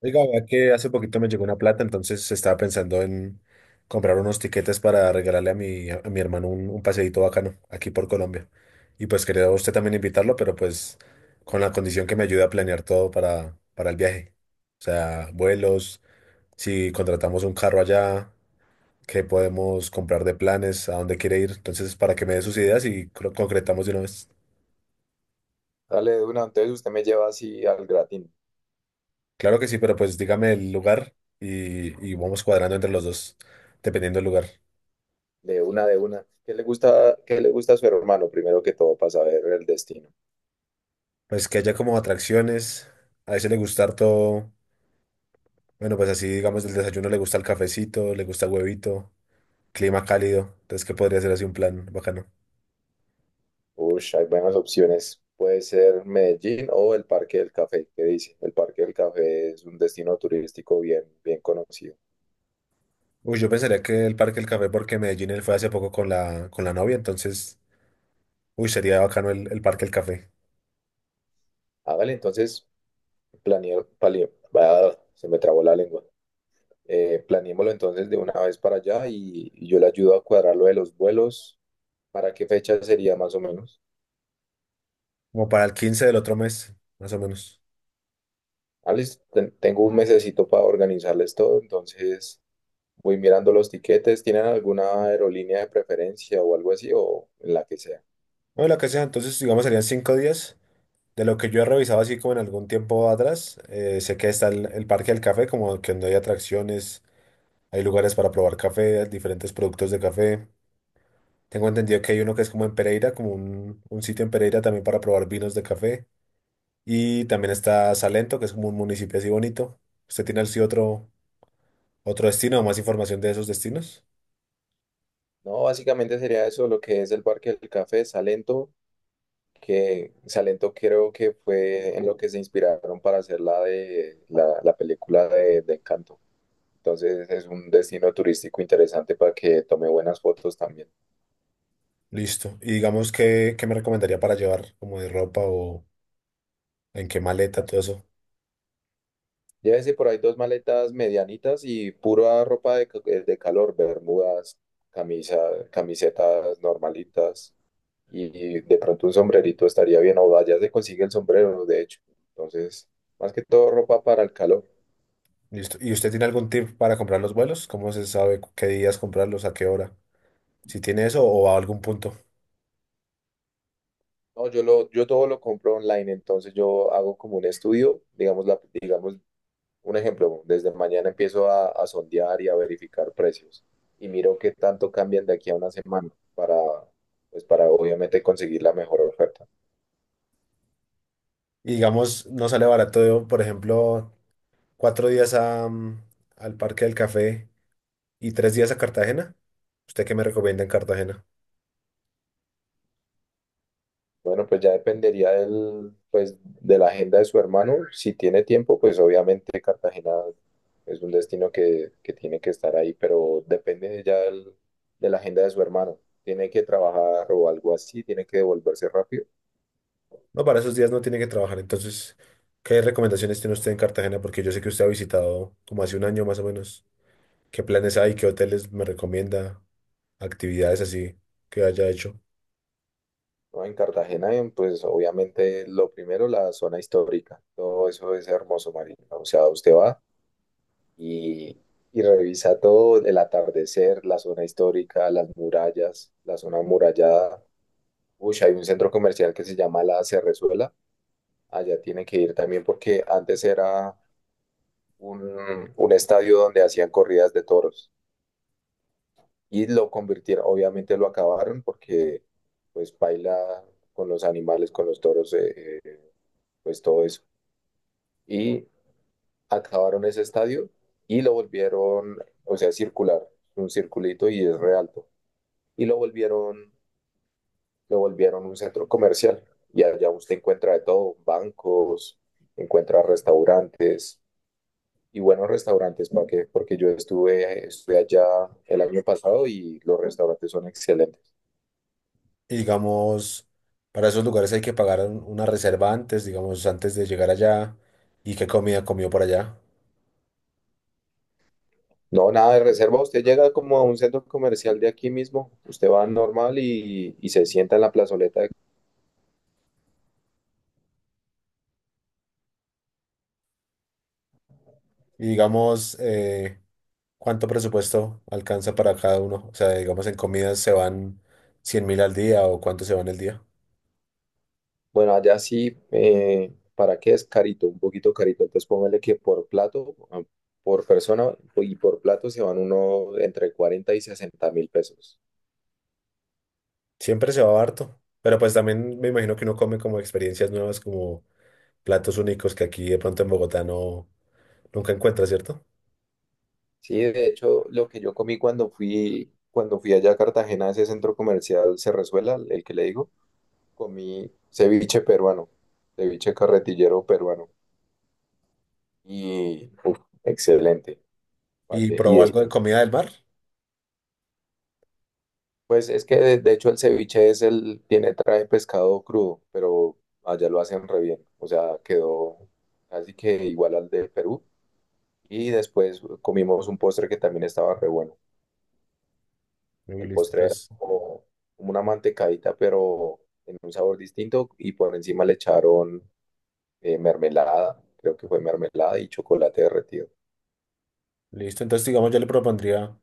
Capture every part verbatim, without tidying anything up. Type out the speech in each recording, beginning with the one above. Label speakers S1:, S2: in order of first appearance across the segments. S1: Oiga, vea que hace poquito me llegó una plata, entonces estaba pensando en comprar unos tiquetes para regalarle a mi, a mi hermano un, un paseíto bacano aquí por Colombia. Y pues quería a usted también invitarlo, pero pues con la condición que me ayude a planear todo para, para el viaje. O sea, vuelos, si contratamos un carro allá, qué podemos comprar de planes, ¿a dónde quiere ir? Entonces, para que me dé sus ideas y cro- concretamos de una vez.
S2: Dale de una, entonces usted me lleva así al gratín,
S1: Claro que sí, pero pues dígame el lugar y, y vamos cuadrando entre los dos, dependiendo del lugar.
S2: de una de una. ¿Qué le gusta, qué le gusta a su hermano primero que todo para saber el destino?
S1: Pues que haya como atracciones. A ese le gusta harto, bueno, pues así digamos del desayuno le gusta el cafecito, le gusta el huevito, clima cálido. Entonces, ¿que podría ser así un plan bacano?
S2: Ush, hay buenas opciones. Puede ser Medellín o el Parque del Café. ¿Qué dice? El Parque del Café es un destino turístico bien, bien conocido.
S1: Uy, yo pensaría que el Parque del Café, porque Medellín él fue hace poco con la, con la novia, entonces, uy, sería bacano el, el Parque del Café.
S2: Hágale entonces, planeo, palio- bah, se me trabó la lengua. Eh, planeémoslo entonces de una vez para allá y, y yo le ayudo a cuadrar lo de los vuelos. ¿Para qué fecha sería más o menos?
S1: Como para el quince del otro mes, más o menos.
S2: Ah, listo, ten- tengo un mesecito para organizarles todo, entonces voy mirando los tiquetes. ¿Tienen alguna aerolínea de preferencia o algo así o en la que sea?
S1: O la que sea, entonces, digamos, serían cinco días. De lo que yo he revisado así como en algún tiempo atrás, eh, sé que está el, el Parque del Café, como que donde hay atracciones. Hay lugares para probar café, diferentes productos de café. Tengo entendido que hay uno que es como en Pereira, como un, un sitio en Pereira también para probar vinos de café. Y también está Salento, que es como un municipio así bonito. ¿Usted tiene así otro, otro destino o más información de esos destinos?
S2: No, básicamente sería eso, lo que es el Parque del Café, Salento, que Salento creo que fue en lo que se inspiraron para hacer la de la, la película de, de Encanto. Entonces es un destino turístico interesante para que tome buenas fotos también.
S1: Listo. Y digamos, ¿qué, qué me recomendaría para llevar como de ropa o en qué maleta,
S2: ¿No?
S1: todo eso?
S2: Llévese por ahí dos maletas medianitas y pura ropa de, ca- de calor, bermudas, camisa, camisetas normalitas y de pronto un sombrerito estaría bien, o allá se consigue el sombrero, de hecho. Entonces, más que todo ropa para el calor.
S1: Listo. ¿Y usted tiene algún tip para comprar los vuelos? ¿Cómo se sabe qué días comprarlos, a qué hora? Si tiene eso o a algún punto.
S2: No, yo lo, yo todo lo compro online, entonces yo hago como un estudio, digamos, la, digamos, un ejemplo, desde mañana empiezo a, a sondear y a verificar precios y miro qué tanto cambian de aquí a una semana para, pues para obviamente conseguir la mejor oferta.
S1: Y digamos, no sale barato, por ejemplo. Cuatro días a, mm, al Parque del Café y tres días a Cartagena. ¿Usted qué me recomienda en Cartagena?
S2: Bueno, pues ya dependería del, pues, de la agenda de su hermano. Si tiene tiempo, pues obviamente Cartagena es un destino que, que tiene que estar ahí, pero depende ya del- de la agenda de su hermano. Tiene que trabajar o algo así, tiene que devolverse rápido,
S1: No, para esos días no tiene que trabajar. Entonces, ¿qué recomendaciones tiene usted en Cartagena? Porque yo sé que usted ha visitado como hace un año más o menos. ¿Qué planes hay? ¿Qué hoteles me recomienda? Actividades así que haya hecho.
S2: ¿no? En Cartagena, en, pues obviamente lo primero, la zona histórica. Todo eso es hermoso, Marina. O sea, usted va y, y revisa todo, el atardecer, la zona histórica, las murallas, la zona amurallada. Uy, hay un centro comercial que se llama La Cerrezuela. Allá tiene que ir también porque antes era un, un estadio donde hacían corridas de toros y lo convirtieron, obviamente lo acabaron porque pues baila con los animales, con los toros, eh, eh, pues todo eso. Y acabaron ese estadio y lo volvieron, o sea, circular, un circulito y es re alto. Y lo volvieron lo volvieron un centro comercial y allá usted encuentra de todo, bancos, encuentra restaurantes y buenos restaurantes para que, porque yo estuve, estuve allá el año pasado y los restaurantes son excelentes.
S1: Y digamos, para esos lugares hay que pagar un- una reserva antes, digamos, antes de llegar allá. ¿Y qué comida comió por allá?
S2: No, nada de reserva, usted llega como a un centro comercial de aquí mismo, usted va normal y, y se sienta en la plazoleta de-
S1: Y digamos, eh, ¿cuánto presupuesto alcanza para cada uno? O sea, digamos, en comidas se van cien mil al día o cuánto se van el día.
S2: Bueno, allá sí, eh, ¿para qué es carito? Un poquito carito, entonces póngale que por plato, ah, por persona y por plato se van uno entre cuarenta y sesenta mil pesos.
S1: Siempre se va harto, pero pues también me imagino que uno come como experiencias nuevas, como platos únicos que aquí de pronto en Bogotá no nunca encuentra, ¿cierto?
S2: Sí, de hecho, lo que yo comí cuando fui, cuando fui allá a Cartagena, a ese centro comercial Cerrezuela, el que le digo, comí ceviche peruano, ceviche carretillero peruano. Y, uf, excelente. ¿Para
S1: Y
S2: qué? Y
S1: probó algo
S2: después,
S1: de comida del mar.
S2: pues es que de, de hecho el ceviche es el, tiene, trae pescado crudo, pero allá lo hacen re bien. O sea, quedó casi que igual al de Perú. Y después comimos un postre que también estaba re bueno.
S1: Y
S2: El
S1: listo,
S2: postre era
S1: entonces,
S2: como como una mantecadita, pero en un sabor distinto y por encima le echaron eh, mermelada, creo que fue mermelada y chocolate derretido.
S1: listo. Entonces, digamos, yo le propondría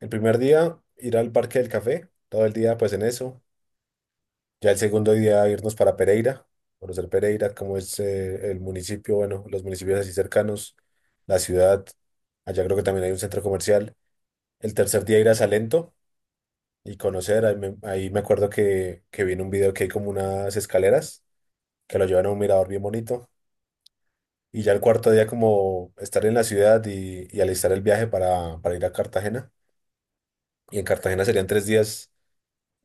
S1: el primer día ir al Parque del Café, todo el día pues en eso. Ya el segundo día irnos para Pereira, conocer Pereira, cómo es eh, el municipio, bueno, los municipios así cercanos, la ciudad, allá creo que también hay un centro comercial. El tercer día ir a Salento y conocer, ahí me, ahí me acuerdo que, que vi en un video que hay como unas escaleras que lo llevan a un mirador bien bonito. Y ya el cuarto día como estar en la ciudad y, y alistar el viaje para, para ir a Cartagena. Y en Cartagena serían tres días,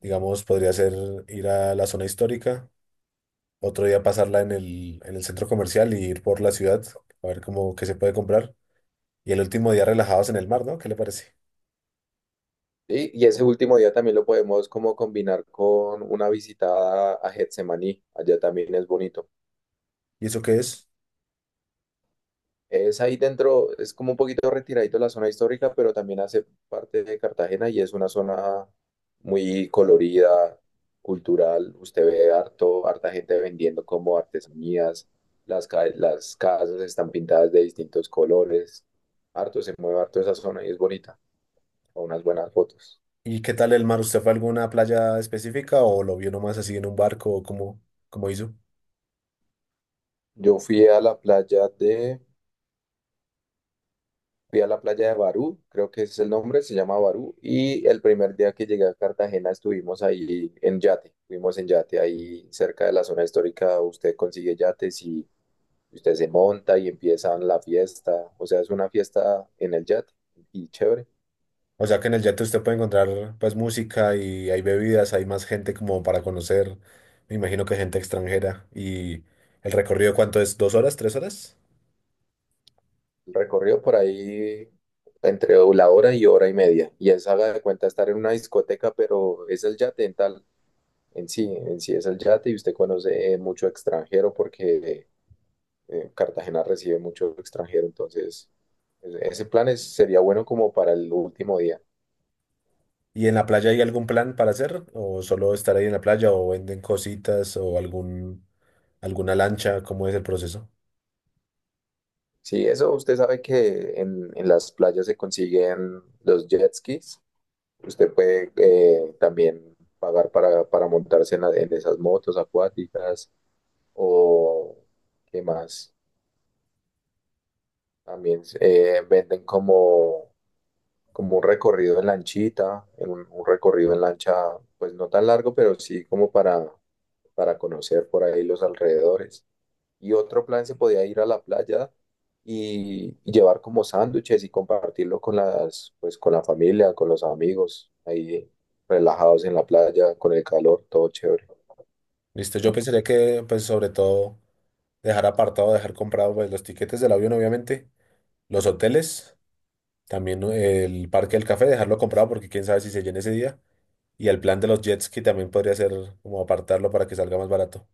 S1: digamos, podría ser ir a la zona histórica otro día pasarla en el, en el centro comercial y ir por la ciudad a ver cómo qué se puede comprar. Y el último día relajados en el mar, ¿no? ¿Qué le parece?
S2: Sí, Y, ese último día también lo podemos como combinar con una visita a Getsemaní, allá también es bonito.
S1: ¿Y eso qué es?
S2: Es ahí dentro, es como un poquito retiradito la zona histórica, pero también hace parte de Cartagena y es una zona muy colorida, cultural. Usted ve harto, harta gente vendiendo como artesanías, las, ca- las casas están pintadas de distintos colores. Harto, se mueve harto esa zona y es bonita, con unas buenas fotos.
S1: ¿Y qué tal el mar? ¿Usted fue a alguna playa específica o lo vio nomás así en un barco o cómo, cómo hizo?
S2: Yo fui a la playa de Fui a la playa de Barú, creo que ese es el nombre, se llama Barú, y el primer día que llegué a Cartagena estuvimos ahí en yate, fuimos en yate ahí cerca de la zona histórica, usted consigue yates y usted se monta y empiezan la fiesta, o sea, es una fiesta en el yate y chévere.
S1: O sea que en el yate usted puede encontrar pues música y hay bebidas, hay más gente como para conocer, me imagino que gente extranjera. ¿Y el recorrido cuánto es? ¿Dos horas? ¿Tres horas?
S2: El recorrido por ahí entre la hora y hora y media, y es haga de cuenta estar en una discoteca, pero es el yate en tal, en sí, en sí es el yate y usted conoce eh, mucho extranjero porque eh, Cartagena recibe mucho extranjero, entonces e- ese plan es- sería bueno como para el último día.
S1: ¿Y en la playa hay algún plan para hacer? ¿O solo estar ahí en la playa o venden cositas o algún alguna lancha, cómo es el proceso?
S2: Sí, eso usted sabe que en, en las playas se consiguen los jet skis. Usted puede eh, también pagar para, para montarse en, la- en esas motos acuáticas o qué más. También eh, venden como, como un recorrido en lanchita, en un, un recorrido en lancha, pues no tan largo, pero sí como para, para conocer por ahí los alrededores. Y otro plan se podía ir a la playa y, y llevar como sándwiches y compartirlo con las, pues con la familia, con los amigos, ahí relajados en la playa, con el calor, todo chévere.
S1: Listo, yo pensaría que, pues, sobre todo, dejar apartado, dejar comprado, pues, los tiquetes del avión, obviamente, los hoteles, también ¿no? El parque del café, dejarlo comprado porque quién sabe si se llena ese día. Y el plan de los jet ski también podría ser como apartarlo para que salga más barato.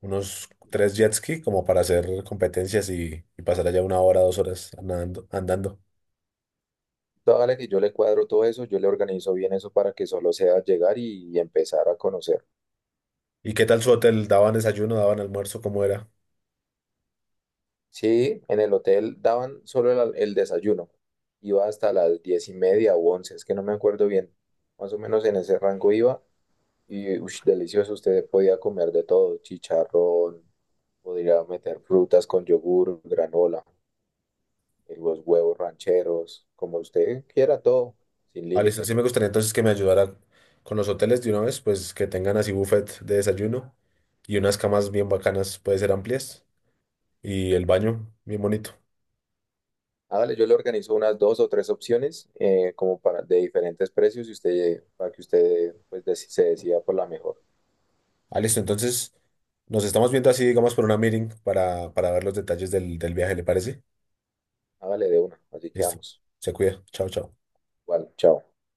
S1: Unos tres jet ski como para hacer competencias y, y pasar allá una hora, dos horas nadando- andando.
S2: Dale que yo le cuadro todo eso, yo le organizo bien eso para que solo sea llegar y, y empezar a conocer.
S1: ¿Y qué tal su hotel? ¿Daban desayuno, daban almuerzo? ¿Cómo era?
S2: Sí, en el hotel daban solo el, al- el desayuno, iba hasta las diez y media o once, es que no me acuerdo bien, más o menos en ese rango iba. Y ush, delicioso, usted podía comer de todo, chicharrón, podría meter frutas con yogur, granola, eh, los huevos rancheros, como usted quiera, todo, sin
S1: Ah, listo. Sí
S2: límite.
S1: me gustaría entonces que me ayudara con los hoteles de una vez, pues que tengan así buffet de desayuno y unas camas bien bacanas, puede ser amplias, y el baño bien bonito.
S2: Hágale, yo le organizo unas dos o tres opciones eh, como para de diferentes precios y usted para que usted pues deci- se decida por la mejor.
S1: Ah, listo. Entonces nos estamos viendo así, digamos, por una meeting para, para ver los detalles del, del viaje, ¿le parece?
S2: Hágale de una, así
S1: Listo.
S2: quedamos.
S1: Se cuida. Chao, chao.
S2: Igual, chao.